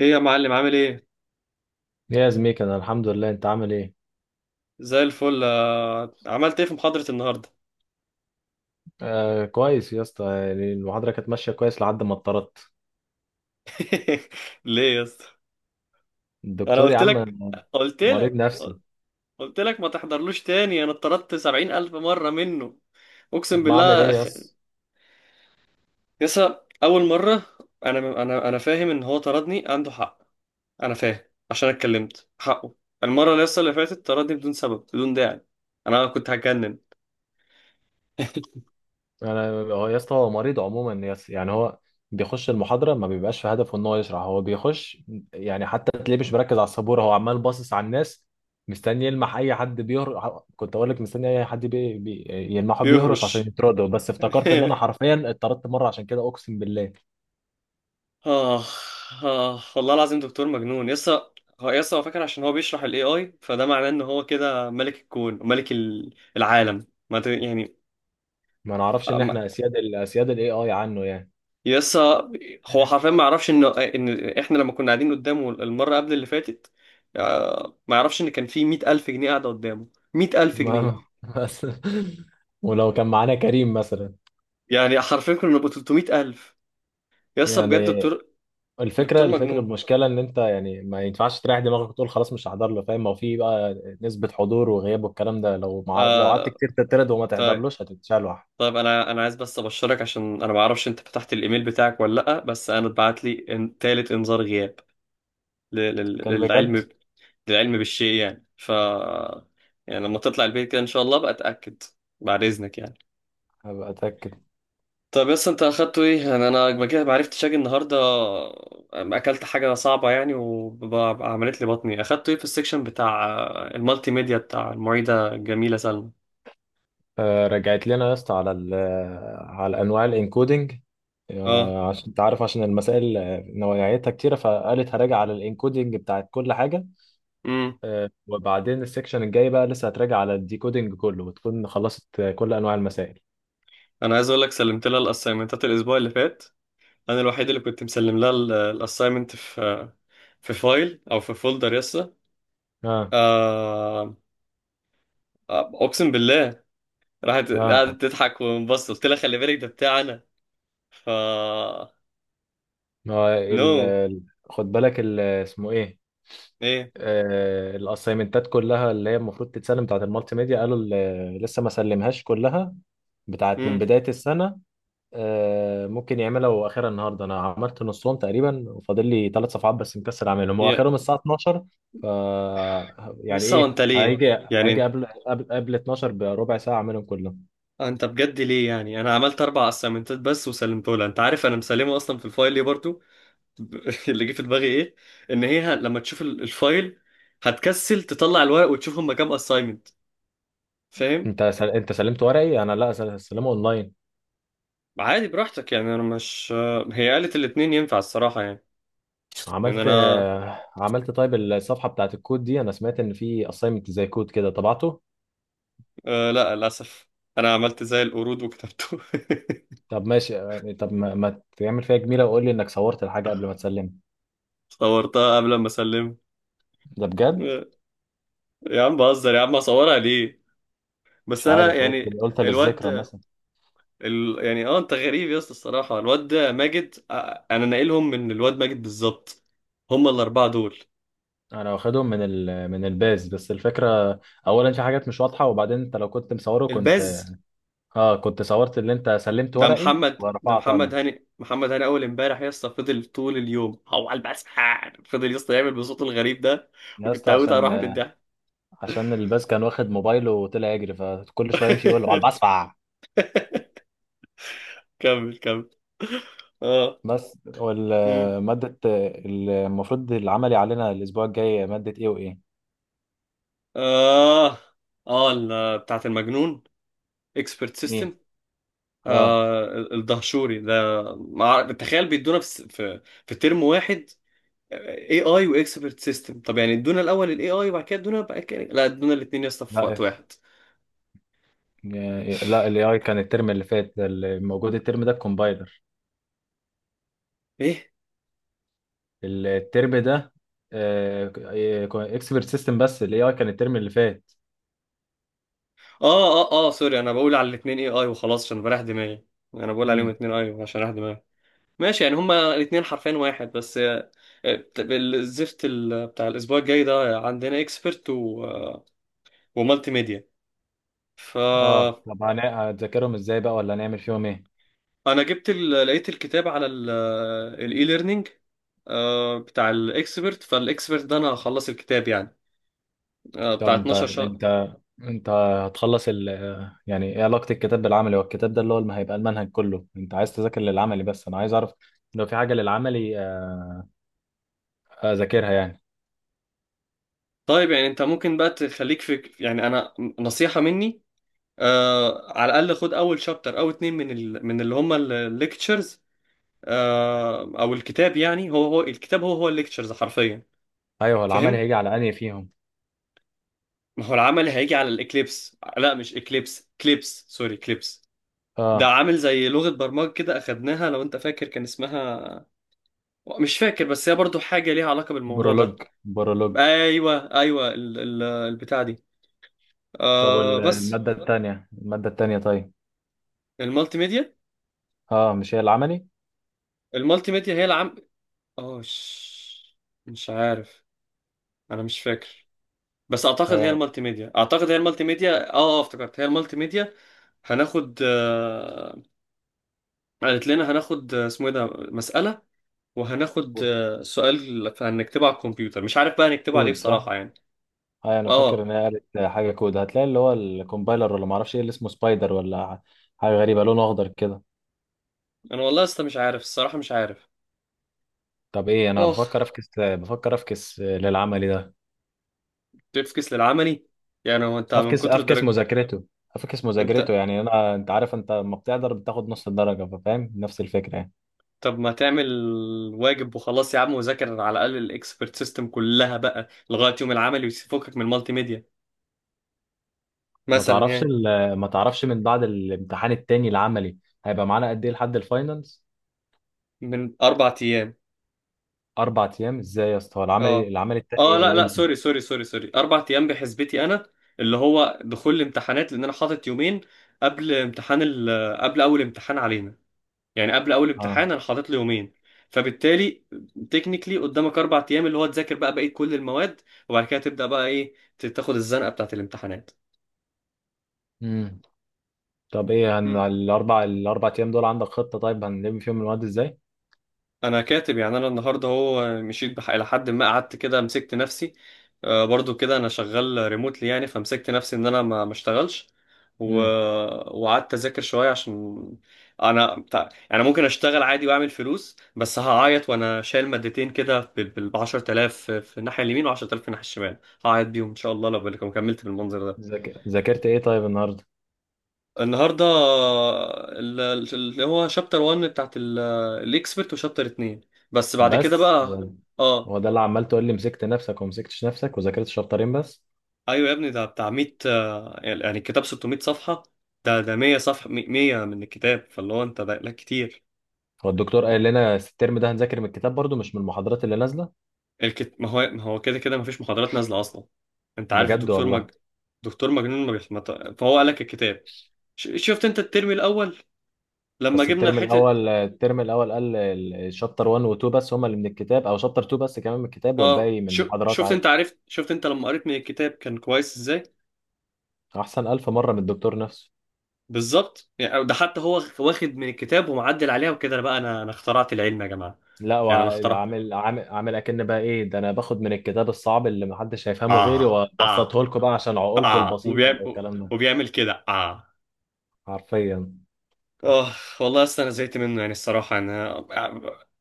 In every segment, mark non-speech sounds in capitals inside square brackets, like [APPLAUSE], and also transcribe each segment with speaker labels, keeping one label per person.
Speaker 1: ايه يا معلم، عامل ايه؟
Speaker 2: يا زميك انا الحمد لله، انت عامل ايه؟
Speaker 1: زي الفل. عملت ايه في محاضرة النهاردة؟
Speaker 2: آه كويس يا اسطى، يعني المحاضره كانت ماشيه كويس لحد ما اتطردت.
Speaker 1: [LAUGHS] ليه يا اسطى؟ انا
Speaker 2: الدكتور يا عم
Speaker 1: قلت
Speaker 2: مريض
Speaker 1: لك
Speaker 2: نفسي.
Speaker 1: قلت لك ما تحضرلوش تاني. انا اتطردت 70000 مرة منه. اقسم
Speaker 2: طب ما اعمل
Speaker 1: بالله
Speaker 2: ايه يا
Speaker 1: أخ...
Speaker 2: اسطى؟
Speaker 1: اول مرة. انا فاهم ان هو طردني عنده حق. انا فاهم. عشان أنا اتكلمت حقه. المرة اللي اللي فاتت طردني بدون سبب، بدون داعي. انا كنت هتجنن.
Speaker 2: انا هو يا اسطى، هو مريض عموما يا اسطى، يعني هو بيخش المحاضره ما بيبقاش في هدفه ان هو يشرح، هو بيخش يعني حتى تلاقيه مش مركز على السبوره، هو عمال باصص على الناس مستني يلمح اي حد بيهرش. كنت اقول لك مستني اي حد يلمحه بيهرش عشان
Speaker 1: بيهرش.
Speaker 2: يطرده، بس افتكرت
Speaker 1: [LAUGHS]
Speaker 2: ان انا حرفيا اتطردت مره عشان كده اقسم بالله.
Speaker 1: آه. آه والله العظيم، دكتور مجنون. هو فاكر عشان هو بيشرح ال AI، فده معناه إن هو كده ملك الكون وملك العالم، ما ت- يعني.
Speaker 2: ما نعرفش
Speaker 1: آه،
Speaker 2: ان
Speaker 1: ما-
Speaker 2: احنا اسياد ال اسياد الاي اي عنه يعني.
Speaker 1: يسا هو حرفيا ما يعرفش إن إحنا لما كنا قاعدين قدامه المرة قبل اللي فاتت. ما يعرفش إن كان في 100000 جنيه قاعدة قدامه. مئة ألف
Speaker 2: ما ما-
Speaker 1: جنيه
Speaker 2: بس [LAUGHS] ولو كان معانا كريم مثلا
Speaker 1: يعني حرفيا كنا نبقى 300 ألف. بجد
Speaker 2: يعني.
Speaker 1: دكتور.
Speaker 2: الفكره
Speaker 1: دكتور
Speaker 2: الفكره
Speaker 1: مجنون.
Speaker 2: المشكله ان انت يعني ما ينفعش تريح دماغك وتقول خلاص مش هحضر له، فاهم؟ ما هو في بقى نسبه حضور وغياب والكلام ده، لو لو قعدت
Speaker 1: آه
Speaker 2: كتير تترد وما تحضرلوش هتتشال.
Speaker 1: طيب، انا عايز بس ابشرك، عشان انا ما اعرفش انت فتحت الايميل بتاعك ولا لا. بس انا اتبعت لي تالت انذار غياب. ل- لل-
Speaker 2: كان بجد.
Speaker 1: للعلم للعلم بالشيء يعني. يعني لما تطلع البيت كده، ان شاء الله بقى اتاكد. بعد اذنك يعني.
Speaker 2: هبقى اتاكد.
Speaker 1: طب بس انت اخدته ايه؟ يعني انا ما كده ما عرفتش اجي النهارده. اكلت حاجه صعبه يعني وعملت لي بطني. اخدته ايه في السكشن بتاع المالتي ميديا بتاع المعيده الجميله سلمى؟
Speaker 2: آه رجعت لنا يا اسطى على على انواع الانكودنج.
Speaker 1: اه.
Speaker 2: عشان انت عارف، عشان المسائل نوعيتها كتيرة، فقالت هراجع على الانكودنج بتاعت كل حاجة.
Speaker 1: امم
Speaker 2: وبعدين السكشن الجاي بقى لسه هتراجع على الديكودينج كله وتكون خلصت كل انواع المسائل.
Speaker 1: انا عايز اقول لك، سلمت لها الاسايمنتات الاسبوع اللي فات. انا الوحيد اللي كنت مسلم لها الاساينمنت في فايل او في فولدر.
Speaker 2: اه
Speaker 1: آه، اقسم بالله، راحت
Speaker 2: اه.
Speaker 1: قعدت تضحك وانبسط قلت لها خلي بالك، ده بتاع انا. ف
Speaker 2: ما هو
Speaker 1: نو.
Speaker 2: خد بالك اسمه ايه.
Speaker 1: ايه؟
Speaker 2: الاسايمنتات كلها اللي هي المفروض تتسلم بتاعت المالتي ميديا، قالوا لسه ما سلمهاش كلها، بتاعت من
Speaker 1: امم
Speaker 2: بداية السنة. ممكن يعملها واخرها النهارده. انا عملت نصهم تقريبا وفاضل لي 3 صفحات بس مكسل اعملهم، هو
Speaker 1: يا
Speaker 2: اخرهم الساعه 12. ف يعني
Speaker 1: يسا
Speaker 2: ايه،
Speaker 1: وانت ليه؟
Speaker 2: هيجي هيجي
Speaker 1: يعني،
Speaker 2: قبل قبل 12 بربع ساعه اعملهم كلهم.
Speaker 1: انت بجد ليه؟ يعني انا عملت 4 اسايمنتات بس وسلمته لها، انت عارف انا مسلمه اصلا في الفايل، ليه برضو؟ [LAUGHS] اللي جه في دماغي ايه؟ ان هي لما تشوف الفايل هتكسل تطلع الورق وتشوف هما كام اساينمنت. فاهم؟
Speaker 2: انت سلمت ورقي، انا لا سلمه اونلاين.
Speaker 1: عادي براحتك يعني، انا مش... هي قالت الاتنين ينفع الصراحة يعني. يعني
Speaker 2: عملت
Speaker 1: انا...
Speaker 2: عملت. طيب الصفحه بتاعت الكود دي، انا سمعت ان في اساينمنت زي كود كده طبعته.
Speaker 1: لا للاسف، انا عملت زي القرود وكتبته. [LAUGHS]
Speaker 2: طب ماشي طب ما تعمل فيها جميله وقول لي انك صورت الحاجه قبل ما تسلمها.
Speaker 1: صورتها قبل ما اسلم.
Speaker 2: ده بجد؟
Speaker 1: يا عم بهزر، يا عم اصورها ليه؟
Speaker 2: مش
Speaker 1: بس انا
Speaker 2: عارف، قلت
Speaker 1: يعني...
Speaker 2: قلت
Speaker 1: الواد،
Speaker 2: للذكرى.
Speaker 1: ال... يعني اه انت غريب يا اسطى الصراحة. الواد ده ماجد، انا ناقلهم من الواد ماجد بالظبط. هم الاربعة دول.
Speaker 2: انا واخدهم من من الباز، بس الفكره اولا في حاجات مش واضحه، وبعدين انت لو كنت مصوره كنت،
Speaker 1: الباز،
Speaker 2: اه كنت صورت اللي انت سلمت ورقي
Speaker 1: ده
Speaker 2: ورفعت
Speaker 1: محمد
Speaker 2: انا.
Speaker 1: هاني، محمد هاني. اول امبارح يا اسطى فضل طول اليوم هو على البسحان، فضل يا اسطى يعمل بصوته الغريب ده،
Speaker 2: يا
Speaker 1: وكنت
Speaker 2: اسطى
Speaker 1: هموت
Speaker 2: عشان،
Speaker 1: اروح من الضحك.
Speaker 2: عشان الباز كان واخد موبايله وطلع يجري، فكل شويه يمشي يقول له على
Speaker 1: [LAUGHS]
Speaker 2: البسفع.
Speaker 1: كمل كمل. اه.
Speaker 2: بس
Speaker 1: مم.
Speaker 2: والماده المفروض العملي علينا الاسبوع الجاي ماده ايه وايه؟
Speaker 1: اه، اه، بتاعت المجنون، اكسبرت
Speaker 2: ايه.
Speaker 1: سيستم.
Speaker 2: اه
Speaker 1: الدهشوري ده. تخيل بيدونا في ترم واحد اي اي واكسبرت سيستم. طب يعني ادونا الاول الاي اي وبعد كده ادونا بقى كده، لا، ادونا الاثنين يا اسطى في
Speaker 2: لا
Speaker 1: وقت
Speaker 2: إف.
Speaker 1: واحد.
Speaker 2: لا الاي اي كان الترم اللي فات، الموجود الترم ده الكومبايلر.
Speaker 1: ايه؟
Speaker 2: الترم ده اكسبرت سيستم، بس الاي اي كان الترم اللي فات.
Speaker 1: اه، اه، اه، سوري. انا بقول على الاثنين اي اي وخلاص عشان بريح دماغي. انا بقول عليهم
Speaker 2: امم.
Speaker 1: الاثنين اي عشان اريح دماغي. ماشي، يعني هما الاثنين حرفين واحد بس. الزفت بتاع الاسبوع الجاي ده عندنا اكسبرت و ومالتي ميديا. ف
Speaker 2: اه طب هتذاكرهم ازاي بقى ولا هنعمل فيهم ايه؟
Speaker 1: انا لقيت الكتاب على الاي ليرنينج بتاع الاكسبرت. فالاكسبرت ده انا هخلص الكتاب يعني، بتاع
Speaker 2: طب انت
Speaker 1: 12 شهر.
Speaker 2: انت انت هتخلص ال، يعني ايه علاقة الكتاب بالعملي؟ هو الكتاب ده اللي هو ما هيبقى المنهج كله، انت عايز تذاكر للعملي بس، انا عايز اعرف لو في حاجة للعملي اذاكرها يعني.
Speaker 1: طيب يعني انت ممكن بقى تخليك في، يعني انا نصيحة مني، على الاقل خد اول شابتر او اتنين من اللي هم الليكتشرز، او الكتاب. يعني هو الكتاب هو الليكتشرز حرفيا.
Speaker 2: ايوه، هو العملي
Speaker 1: فاهم؟
Speaker 2: هيجي على انهي فيهم؟
Speaker 1: ما هو العمل هيجي على الاكليبس، لا مش اكليبس، كليبس، سوري، كليبس. ده
Speaker 2: اه.
Speaker 1: عامل زي لغة برمجة كده اخدناها لو انت فاكر، كان اسمها... مش فاكر، بس هي برضو حاجة ليها علاقة بالموضوع
Speaker 2: برولوج.
Speaker 1: ده.
Speaker 2: برولوج.
Speaker 1: ايوه، ايوه، البتاع دي.
Speaker 2: طب
Speaker 1: بس.
Speaker 2: المادة التانية، المادة التانية، طيب.
Speaker 1: المالتي ميديا.
Speaker 2: اه مش هي العملي؟
Speaker 1: المالتي ميديا هي اه ش- مش عارف. انا مش فاكر، بس اعتقد هي
Speaker 2: هي
Speaker 1: المالتي ميديا، اعتقد هي المالتي ميديا، افتكرت هي المالتي ميديا. هناخد قالت لنا هناخد اسمه ايه ده، مسألة، وهناخد سؤال هنكتبه على الكمبيوتر. مش عارف بقى هنكتبه على ايه
Speaker 2: كود، صح؟
Speaker 1: بصراحة يعني.
Speaker 2: هاي انا فاكر ان
Speaker 1: اه.
Speaker 2: هي قالت حاجه كود، هتلاقي اللي هو الكومبايلر، ولا ما اعرفش ايه اللي اسمه سبايدر ولا حاجه غريبه لونه اخضر كده.
Speaker 1: انا والله لسه مش عارف الصراحة، مش عارف.
Speaker 2: طب ايه، انا
Speaker 1: اه،
Speaker 2: بفكر افكس، بفكر افكس للعملي ده.
Speaker 1: تفكس للعملي. يعني هو انت من
Speaker 2: افكس،
Speaker 1: كتر
Speaker 2: افكس
Speaker 1: درجة...
Speaker 2: مذاكرته. افكس
Speaker 1: انت
Speaker 2: مذاكرته، يعني انا، انت عارف انت لما بتقدر بتاخد نص الدرجه، فاهم؟ نفس الفكره يعني.
Speaker 1: طب ما تعمل واجب وخلاص يا عم، وذاكر على الاقل الاكسبرت سيستم كلها بقى لغاية يوم العملي، وفكك من المالتي ميديا مثلا يعني.
Speaker 2: ما تعرفش من بعد الامتحان التاني العملي هيبقى معانا قد ايه لحد الفاينلز؟
Speaker 1: من 4 ايام.
Speaker 2: 4 ايام؟ ازاي يا اسطى؟ هو العملي
Speaker 1: اه،
Speaker 2: العملي
Speaker 1: اه، لا،
Speaker 2: التاني
Speaker 1: لا،
Speaker 2: امتى؟
Speaker 1: سوري، سوري، سوري، سوري. 4 ايام بحسبتي انا، اللي هو دخول الامتحانات، لان انا حاطط يومين قبل امتحان قبل اول امتحان علينا. يعني قبل اول
Speaker 2: اه،
Speaker 1: امتحان انا حاطط له يومين، فبالتالي تكنيكلي قدامك 4 ايام اللي هو تذاكر بقى بقيه كل المواد، وبعد كده تبدا بقى ايه، تاخد الزنقه بتاعت الامتحانات.
Speaker 2: امم. طب ايه، هن الاربع ايام دول عندك خطة طيب هنلم فيهم المواد ازاي؟
Speaker 1: انا كاتب يعني، انا النهارده هو مشيت الى حد ما قعدت كده مسكت نفسي. برضو كده انا شغال ريموتلي يعني، فمسكت نفسي ان انا ما اشتغلش، و...
Speaker 2: امم.
Speaker 1: وقعدت اذاكر شويه. عشان انا يعني ممكن اشتغل عادي واعمل فلوس، بس هعيط وانا شايل مادتين كده بال 10000 في الناحيه اليمين و10000 في الناحيه الشمال. هعيط بيهم ان شاء الله لو كملت بالمنظر ده.
Speaker 2: ذاكرت ايه طيب النهارده؟
Speaker 1: النهارده اللي هو شابتر 1 بتاعت الاكسبرت، وشابتر 2 بس، بعد كده
Speaker 2: بس
Speaker 1: بقى...
Speaker 2: ولا؟
Speaker 1: اه،
Speaker 2: هو ده اللي عمال تقول لي مسكت نفسك ومسكتش نفسك وذاكرت شابترين بس؟
Speaker 1: ايوه يا ابني، ده بتاع 100، يعني الكتاب 600 صفحة، ده ده 100 صفحة، 100 من الكتاب، فاللي هو انت ده لا كتير.
Speaker 2: هو الدكتور قال لنا الترم ده هنذاكر من الكتاب برضو مش من المحاضرات اللي نازلة؟
Speaker 1: ما هو ما هو كده كده ما فيش محاضرات نازلة اصلا. انت عارف
Speaker 2: بجد
Speaker 1: الدكتور.
Speaker 2: والله؟
Speaker 1: دكتور مجنون ما بيح... ما ت- فهو قال لك الكتاب. شفت انت الترم الاول لما
Speaker 2: بس
Speaker 1: جبنا
Speaker 2: الترم
Speaker 1: حتة.
Speaker 2: الاول، الترم الاول قال الشابتر 1 و 2 بس هما اللي من الكتاب، او شابتر 2 بس كمان من الكتاب
Speaker 1: اه،
Speaker 2: والباقي من
Speaker 1: ش...
Speaker 2: المحاضرات
Speaker 1: شفت
Speaker 2: عادي.
Speaker 1: انت عرفت شفت انت لما قريت من الكتاب كان كويس ازاي.
Speaker 2: احسن الف مرة من الدكتور نفسه.
Speaker 1: بالظبط، يعني ده حتى هو واخد من الكتاب ومعدل عليها وكده، أنا بقى انا اخترعت العلم يا جماعه.
Speaker 2: لا
Speaker 1: يعني انا
Speaker 2: وعامل،
Speaker 1: اخترع...
Speaker 2: عامل عامل اكن بقى ايه ده، انا باخد من الكتاب الصعب اللي محدش هيفهمه غيري
Speaker 1: اه، اه،
Speaker 2: وابسطه لكم بقى عشان عقولكم
Speaker 1: اه،
Speaker 2: البسيطه والكلام ده.
Speaker 1: وبيعمل كده، اه.
Speaker 2: حرفيا.
Speaker 1: اه والله، اصل انا زهقت منه يعني، الصراحه انا...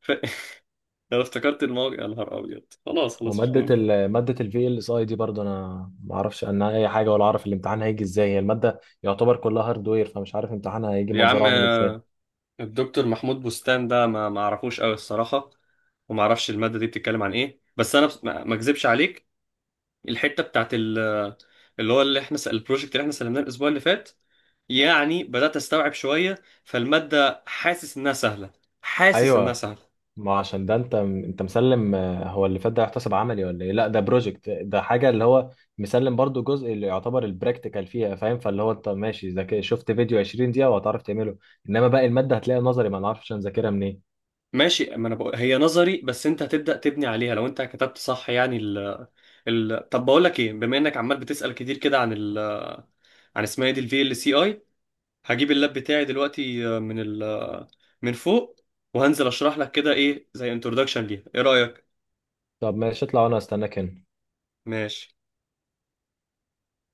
Speaker 1: ف- [LAUGHS] لو افتكرت الموقع يا نهار ابيض. خلاص، خلاص، مش
Speaker 2: وماده
Speaker 1: مهم.
Speaker 2: ماده الفي ال اس اي دي برضه، انا ما اعرفش عنها اي حاجه ولا اعرف الامتحان هيجي ازاي. هي الماده يعتبر كلها هاردوير، فمش عارف امتحانها هيجي
Speaker 1: يا
Speaker 2: منظره
Speaker 1: عم،
Speaker 2: عامل ازاي.
Speaker 1: الدكتور محمود بستان ده ما ما اعرفوش قوي الصراحه، وما اعرفش الماده دي بتتكلم عن ايه، بس انا ما اكذبش عليك، الحته بتاعت اللي هو اللي احنا البروجكت اللي احنا سلمناه الاسبوع اللي فات، يعني بدأت أستوعب شوية فالمادة، حاسس إنها سهلة. حاسس إنها
Speaker 2: ايوه.
Speaker 1: سهلة.
Speaker 2: ما عشان ده، انت مسلم هو اللي فات ده، يحتسب عملي ولا ايه؟ لا ده بروجكت، ده حاجه اللي هو مسلم برضو جزء اللي يعتبر البراكتيكال فيها، فاهم؟ فاللي هو انت ماشي ذاك، شفت فيديو 20 دقيقه وهتعرف تعمله. انما باقي الماده هتلاقيها نظري، ما نعرفش نذاكرها منين.
Speaker 1: ماشي، ما أنا بقول هي نظري، بس أنت هتبدأ تبني عليها لو أنت كتبت صح. يعني ال ال طب بقول لك إيه، بما إنك عمال بتسأل كتير كده عن عن اسمها إيه دي، ال VLCI. هجيب اللاب بتاعي دلوقتي من من فوق، وهنزل أشرح لك كده، إيه زي انترودكشن ليها. إيه رأيك؟
Speaker 2: طب ماشي، اطلع وانا استناك هنا.
Speaker 1: ماشي.